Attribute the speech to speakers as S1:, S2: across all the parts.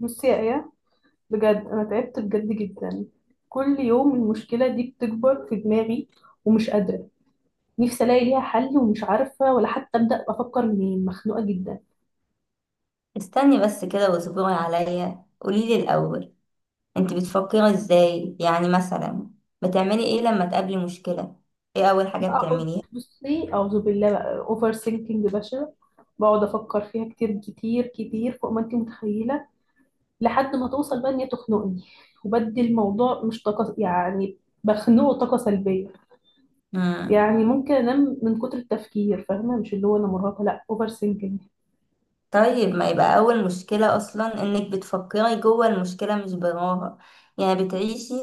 S1: بصي يا ايه، بجد انا تعبت بجد جدا. كل يوم المشكله دي بتكبر في دماغي ومش قادره. نفسي الاقي ليها حل ومش عارفه ولا حتى ابدا افكر منين، مخنوقه جدا.
S2: استني بس كده واصبري عليا، قوليلي الأول انت بتفكري ازاي؟ يعني مثلا بتعملي ايه لما تقابلي مشكلة؟ ايه أول حاجة
S1: بقعد.
S2: بتعمليها؟
S1: بصي اعوذ بالله بقى، اوفر ثينكينج بشع. بقعد افكر فيها كتير كتير كتير فوق ما انت متخيله، لحد ما توصل بقى ان هي تخنقني، وبدي الموضوع مش طاقه يعني، بخنقه طاقه سلبيه.
S2: مم.
S1: يعني ممكن انام من كتر التفكير، فاهمه؟ مش اللي هو انا مرهقه، لا، اوفر ثينكينج.
S2: طيب، ما يبقى أول مشكلة أصلا انك بتفكري جوه المشكلة مش براها. يعني بتعيشي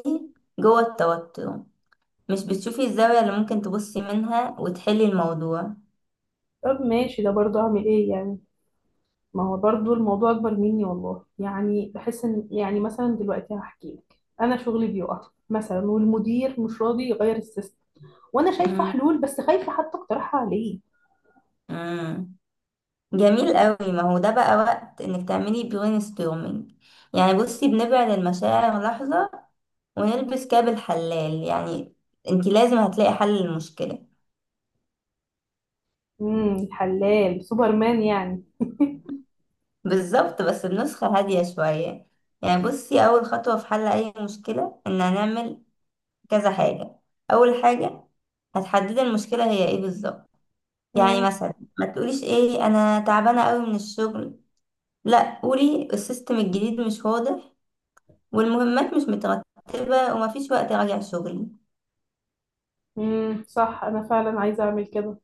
S2: جوه التوتر، مش بتشوفي الزاوية اللي ممكن تبصي منها وتحلي الموضوع.
S1: طب ماشي، ده برضه اعمل ايه يعني؟ ما هو برضه الموضوع اكبر مني والله، يعني بحس ان يعني مثلا دلوقتي هحكي لك، انا شغلي بيقع مثلا، والمدير مش راضي يغير السيستم، وانا شايفه
S2: مم.
S1: حلول بس خايفه حتى اقترحها عليه.
S2: مم. جميل قوي، ما هو ده بقى وقت انك تعملي برين ستورمينج. يعني بصي، بنبعد المشاعر لحظة ونلبس كاب الحلال، يعني انتي لازم هتلاقي حل للمشكلة.
S1: حلال سوبرمان يعني.
S2: بالظبط، بس بنسخة هادية شوية. يعني بصي، أول خطوة في حل أي مشكلة إن هنعمل كذا حاجة. أول حاجة، هتحددي المشكلة هي إيه بالظبط. يعني
S1: امم
S2: مثلا، ما تقوليش إيه أنا تعبانة أوي من الشغل، لأ قولي السيستم الجديد مش واضح، والمهمات مش مترتبة، ومفيش وقت أراجع شغلي.
S1: صح، انا فعلا عايزه اعمل كده.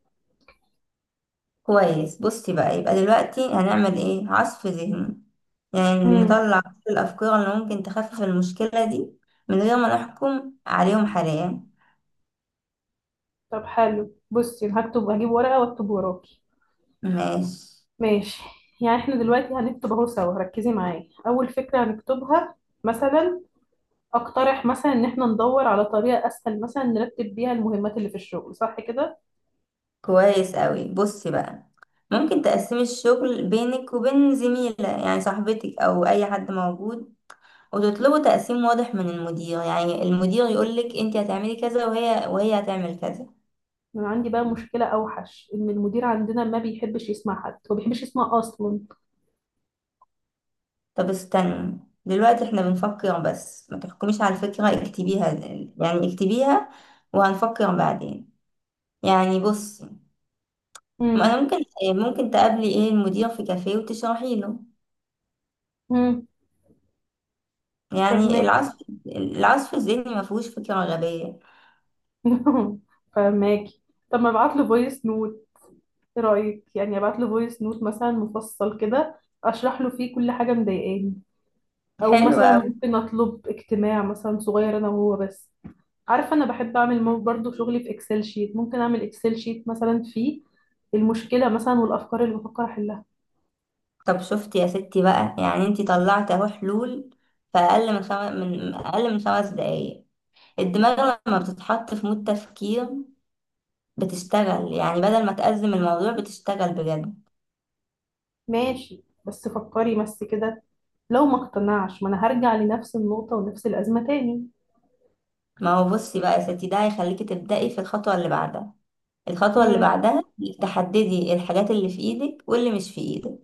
S2: كويس، بصي بقى، يبقى دلوقتي هنعمل ايه؟ عصف ذهني. يعني
S1: امم
S2: نطلع كل الافكار اللي ممكن تخفف المشكلة دي من غير ما نحكم عليهم حاليا.
S1: طب حلو، بصي أنا هكتب، هجيب ورقه واكتب وراكي.
S2: ماشي.
S1: ماشي. يعني احنا دلوقتي هنكتب اهو سوا، ركزي معايا، اول فكره هنكتبها مثلا، اقترح مثلا ان احنا ندور على طريقة اسهل مثلا نرتب بيها المهمات اللي في الشغل، صح كده؟
S2: كويس قوي، بصي بقى، ممكن تقسمي الشغل بينك وبين زميلة يعني صاحبتك او اي حد موجود، وتطلبوا تقسيم واضح من المدير، يعني المدير يقولك انت هتعملي كذا وهي هتعمل كذا.
S1: انا عندي بقى مشكلة اوحش، ان المدير عندنا ما بيحبش يسمع حد، هو ما بيحبش يسمع اصلا.
S2: طب استني، دلوقتي احنا بنفكر بس، ما تحكميش على الفكرة، اكتبيها. يعني اكتبيها وهنفكر بعدين. يعني بصي، ما
S1: امم
S2: انا ممكن تقابلي ايه المدير في كافيه وتشرحي له.
S1: امم
S2: يعني
S1: فهماكي.
S2: العصف الذهني ما فيهوش فكرة غبية.
S1: فهماكي. طب ما ابعت له فويس نوت، ايه رايك؟ يعني ابعت له فويس نوت مثلا مفصل كده، اشرح له فيه كل حاجة مضايقاني. او
S2: حلو
S1: مثلا
S2: قوي.
S1: ممكن اطلب اجتماع مثلا صغير انا وهو بس. عارفة أنا بحب أعمل برضو شغلي في إكسل شيت، ممكن أعمل إكسل شيت مثلا فيه المشكلة مثلا والأفكار اللي بفكر أحلها.
S2: طب شفتي يا ستي بقى، يعني انتي طلعت اهو حلول في اقل من خمس دقايق. الدماغ لما بتتحط في مود تفكير بتشتغل، يعني بدل ما تأزم الموضوع بتشتغل بجد.
S1: ماشي، بس فكري بس كده. لو ما اقتنعش، ما أنا هرجع لنفس النقطة ونفس الأزمة تاني.
S2: ما هو بصي بقى يا ستي، ده هيخليكي تبدأي في الخطوة اللي بعدها. الخطوة اللي
S1: امم
S2: بعدها، انك تحددي الحاجات اللي في ايدك واللي مش في ايدك.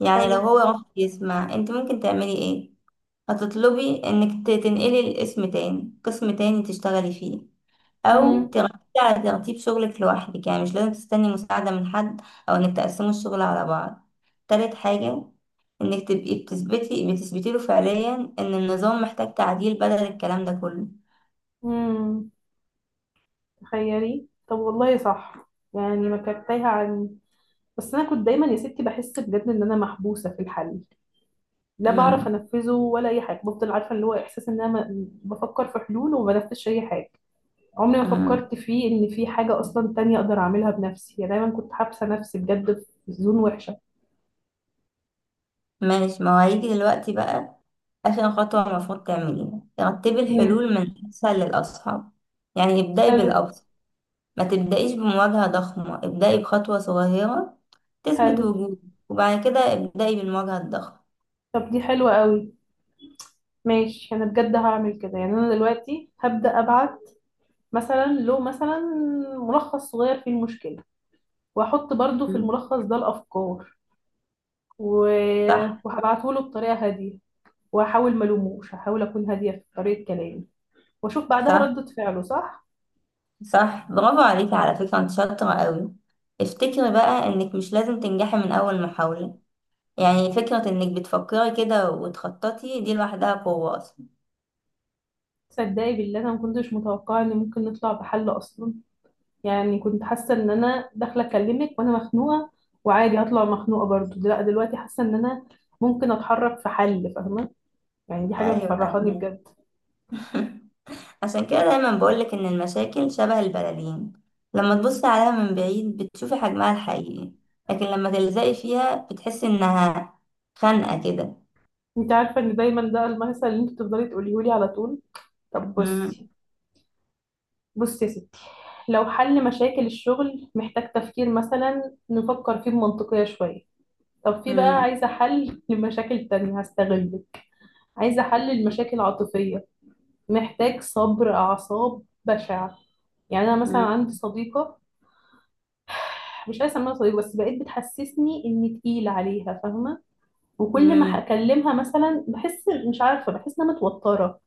S2: يعني
S1: حلو.
S2: لو هو رفض يسمع، انت ممكن تعملي ايه؟ هتطلبي انك تنقلي الاسم تاني، قسم تاني تشتغلي فيه، او
S1: امم
S2: تركزي على ترتيب شغلك لوحدك يعني مش لازم تستني مساعدة من حد، او انك تقسموا الشغل على بعض. تالت حاجة، انك تبقي بتثبتي له فعليا ان النظام محتاج تعديل بدل الكلام ده كله.
S1: امم تخيلي طب، والله صح. يعني ما كانت تايهة عني، بس أنا كنت دايما يا ستي بحس بجد إن أنا محبوسة في الحل، لا بعرف أنفذه ولا أي حاجة، بفضل عارفة اللي هو إحساس إن أنا بفكر في حلول وما بنفذش أي حاجة. عمري ما
S2: امم.
S1: فكرت فيه ان في حاجة اصلا تانية اقدر اعملها بنفسي، يعني دايما كنت حابسة نفسي بجد في زون وحشة.
S2: ماشي، ما هو هيجي دلوقتي بقى. آخر خطوة المفروض تعمليها، رتبي
S1: امم
S2: الحلول من أسهل للأصعب. يعني ابدأي
S1: حلو.
S2: بالأبسط، ما تبدأيش بمواجهة ضخمة، ابدأي بخطوة صغيرة تثبت
S1: حلو.
S2: وجودك، وبعد كده ابدأي بالمواجهة الضخمة.
S1: طب دي حلوة قوي. ماشي انا بجد هعمل كده، يعني انا دلوقتي هبدأ ابعت مثلا له مثلا ملخص صغير فيه المشكلة، واحط برضو في
S2: مم.
S1: الملخص ده الافكار و...
S2: صح.
S1: وهبعته له بطريقة هادية. وهحاول ما الوموش هحاول اكون هادية في طريقة كلامي، واشوف بعدها
S2: صح.
S1: ردة فعله، صح؟
S2: صح، برافو عليكي، على فكرة انت شاطرة قوي. افتكري بقى انك مش لازم تنجحي من أول محاولة. يعني فكرة انك بتفكري كده وتخططي دي لوحدها قوة أصلا.
S1: تصدقي بالله انا ما كنتش متوقعة ان ممكن نطلع بحل اصلا. يعني كنت حاسة ان انا داخلة اكلمك وانا مخنوقة، وعادي هطلع مخنوقة برضو، لا دلوقتي حاسة ان انا ممكن اتحرك في حل، فاهمة؟ يعني دي حاجة
S2: أيوة،
S1: مفرحاني
S2: فاهمة.
S1: بجد.
S2: عشان كده دايما بقولك إن المشاكل شبه البلالين، لما تبصي عليها من بعيد بتشوفي حجمها الحقيقي، لكن لما تلزقي فيها بتحسي إنها خانقة كده.
S1: انت عارفة ان دايما ده المثل اللي انت بتفضلي تقوليه لي على طول. طب بصي
S2: مم،
S1: بصي يا ستي، لو حل مشاكل الشغل محتاج تفكير مثلا نفكر فيه بمنطقية شوية، طب في بقى
S2: مم،
S1: عايزة حل لمشاكل تانية، هستغلك. عايزة حل المشاكل العاطفية، محتاج صبر أعصاب بشع. يعني أنا مثلا
S2: مم،
S1: عندي صديقة، مش عايزه اسميها صديق بس بقيت بتحسسني اني تقيله عليها، فاهمه؟ وكل ما
S2: مم،
S1: هكلمها مثلا بحس، مش عارفه، بحس انها متوتره،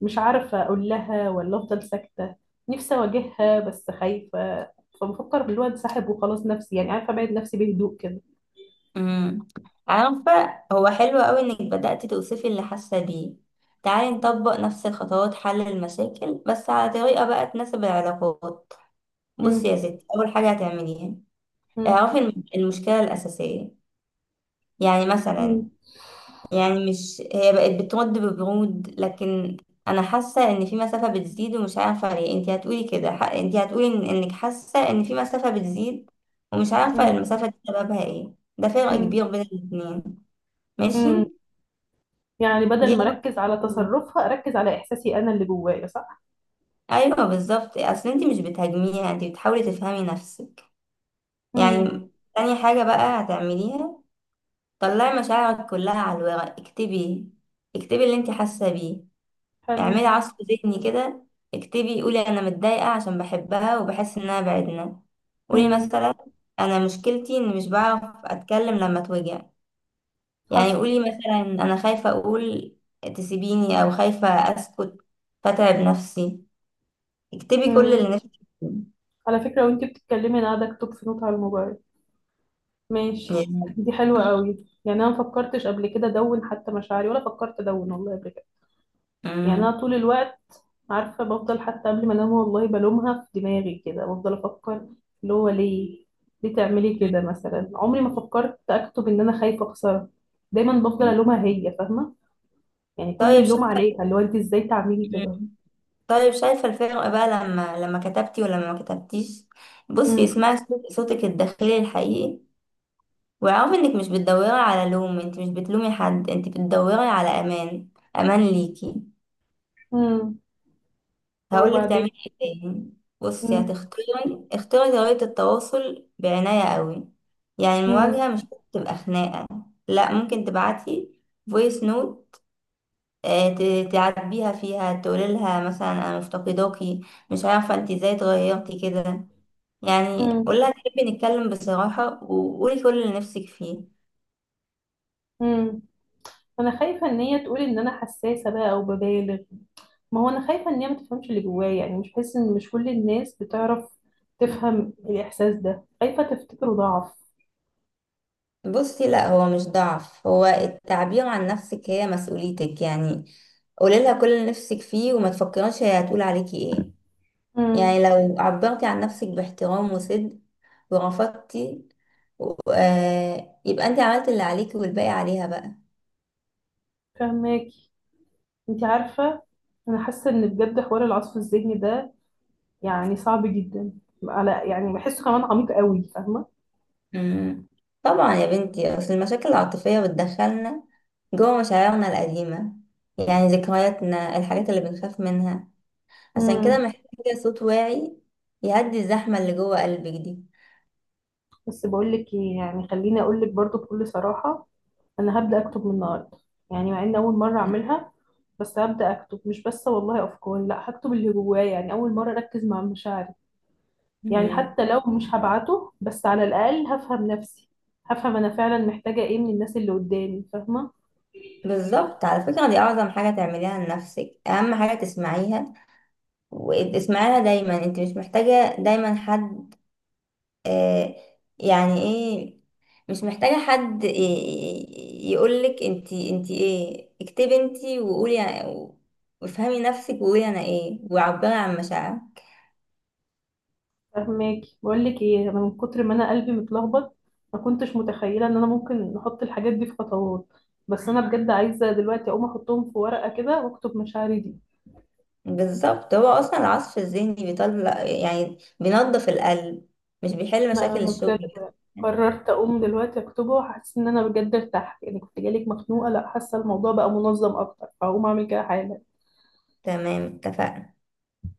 S1: مش عارفه اقول لها ولا افضل ساكته. نفسي اواجهها بس خايفه، فبفكر بالواد ساحب وخلاص، نفسي يعني عارفه ابعد نفسي بهدوء كده.
S2: مم. عارفة، هو حلو قوي إنك بدأتي توصفي اللي حاسة بيه. تعالي نطبق نفس الخطوات، حل المشاكل بس على طريقة بقى تناسب العلاقات. بصي
S1: مم.
S2: يا ستي، أول حاجة هتعمليها
S1: مم.
S2: اعرفي المشكلة الأساسية. يعني مثلا،
S1: مم.
S2: يعني مش هي بقت بترد ببرود، لكن انا حاسه ان في مسافه بتزيد ومش عارفه ليه. انت هتقولي كده، انت هتقولي إن انك حاسه ان في مسافه بتزيد ومش عارفه
S1: مم.
S2: المسافه دي سببها ايه. ده فرق
S1: مم.
S2: كبير بين الاتنين.
S1: مم.
S2: ماشي.
S1: يعني
S2: دي
S1: بدل ما
S2: أول-
S1: اركز على تصرفها، اركز على احساسي انا اللي جوايا، صح؟
S2: ايوه بالظبط، اصل انت مش بتهاجميها، انت بتحاولي تفهمي نفسك.
S1: مم.
S2: يعني تاني حاجه بقى هتعمليها، طلعي مشاعرك كلها على الورق. اكتبي، اكتبي اللي انت حاسه بيه.
S1: حلو.
S2: اعملي عصف ذهني كده، اكتبي. قولي انا متضايقة عشان بحبها وبحس انها بعدنا. قولي
S1: مم.
S2: مثلا انا مشكلتي اني مش بعرف اتكلم لما اتوجع. يعني
S1: حصل.
S2: قولي مثلا انا خايفة اقول تسيبيني، او خايفة اسكت فتعب نفسي. اكتبي كل
S1: مم.
S2: اللي نفسك
S1: على فكرة وانتي بتتكلمي انا قاعدة اكتب في نوت على الموبايل. ماشي.
S2: فيه.
S1: دي حلوة قوي، يعني انا ما فكرتش قبل كده ادون حتى مشاعري، ولا فكرت ادون والله قبل كده. يعني انا
S2: مم.
S1: طول الوقت، عارفة بفضل حتى قبل ما انام والله بلومها في دماغي كده، بفضل افكر اللي هو ليه، ليه تعملي كده مثلا؟ عمري ما فكرت اكتب ان انا خايفة اخسرها، دايما بفضل
S2: مم.
S1: الومها هي، فاهمة؟ يعني كل
S2: طيب
S1: اللوم
S2: شايفة.
S1: عليها، اللي هو انت ازاي تعملي كده.
S2: مم. طيب شايفة الفرق بقى لما كتبتي ولما ما كتبتيش. بصي
S1: امم
S2: اسمعي صوتك الداخلي الحقيقي، واعرف انك مش بتدوري على لوم، انت مش بتلومي حد، انت بتدوري على امان. امان ليكي.
S1: امم لو
S2: هقولك
S1: وبعدين.
S2: تعملي ايه تاني. بصي
S1: امم
S2: هتختاري، اختاري طريقة التواصل بعناية قوي. يعني
S1: امم
S2: المواجهة مش تبقى خناقة، لا ممكن تبعتي فويس نوت تعاتبيها فيها، تقولي لها مثلا انا مفتقداكي، مش عارفة انت ازاي اتغيرتي كده. يعني
S1: امم
S2: قولها تحبي نتكلم بصراحة، وقولي كل اللي نفسك فيه.
S1: امم انا خايفة ان هي تقول ان انا حساسة بقى او ببالغ، ما هو انا خايفه ان هي ما تفهمش اللي جوايا، يعني مش بحس ان، مش كل الناس بتعرف تفهم الاحساس ده، خايفه تفتكره ضعف.
S2: بصي لا، هو مش ضعف، هو التعبير عن نفسك هي مسؤوليتك. يعني قولي لها كل اللي نفسك فيه، وما تفكريش هي هتقول عليكي ايه.
S1: امم
S2: يعني لو عبرتي عن نفسك باحترام وصدق ورفضتي آه، يبقى انت عملت اللي عليكي والباقي عليها بقى.
S1: فهماكي. انت عارفه انا حاسه ان بجد حوار العصف الذهني ده يعني صعب جدا، على يعني بحسه كمان عميق قوي، فاهمه؟
S2: مم. طبعا يا بنتي، اصل المشاكل العاطفية بتدخلنا جوه مشاعرنا القديمة، يعني ذكرياتنا، الحاجات اللي بنخاف منها. عشان كده
S1: امم
S2: محتاجة صوت واعي يهدي الزحمة اللي جوه قلبك دي.
S1: بس بقول لك ايه، يعني خليني اقول لك برضو بكل صراحه، انا هبدا اكتب من النهارده، يعني مع ان اول مره اعملها بس هبدا اكتب، مش بس والله افكار، لا هكتب اللي جوايا، يعني اول مره اركز مع مشاعري. يعني
S2: مم.
S1: حتى لو مش هبعته، بس على الأقل هفهم نفسي، هفهم أنا فعلا محتاجة إيه من الناس اللي قدامي، فاهمة؟
S2: بالظبط، على فكرة دي أعظم حاجة تعمليها لنفسك، أهم حاجة تسمعيها وتسمعيها دايما. انت مش محتاجة دايما حد. آه. يعني ايه؟ مش محتاجة حد يقولك انت ايه. اكتبي انت وقولي وافهمي نفسك، وقولي انا ايه، وعبري عن مشاعرك.
S1: فاهماكي، بقول لك إيه، أنا من كتر ما أنا قلبي متلخبط ما كنتش متخيلة إن أنا ممكن أحط الحاجات دي في خطوات، بس أنا بجد عايزة دلوقتي أقوم أحطهم في ورقة كده وأكتب مشاعري دي.
S2: بالظبط، هو أصلا العصف الذهني بيطلع يعني بينظف القلب، مش بيحل
S1: لا
S2: مشاكل
S1: أنا بجد
S2: الشغل.
S1: قررت أقوم دلوقتي أكتبه، وحاسة إن أنا بجد ارتحت، يعني كنت جالك مخنوقة، لا حاسة الموضوع بقى منظم أكتر، فهقوم أعمل كده حالا.
S2: تمام، اتفقنا.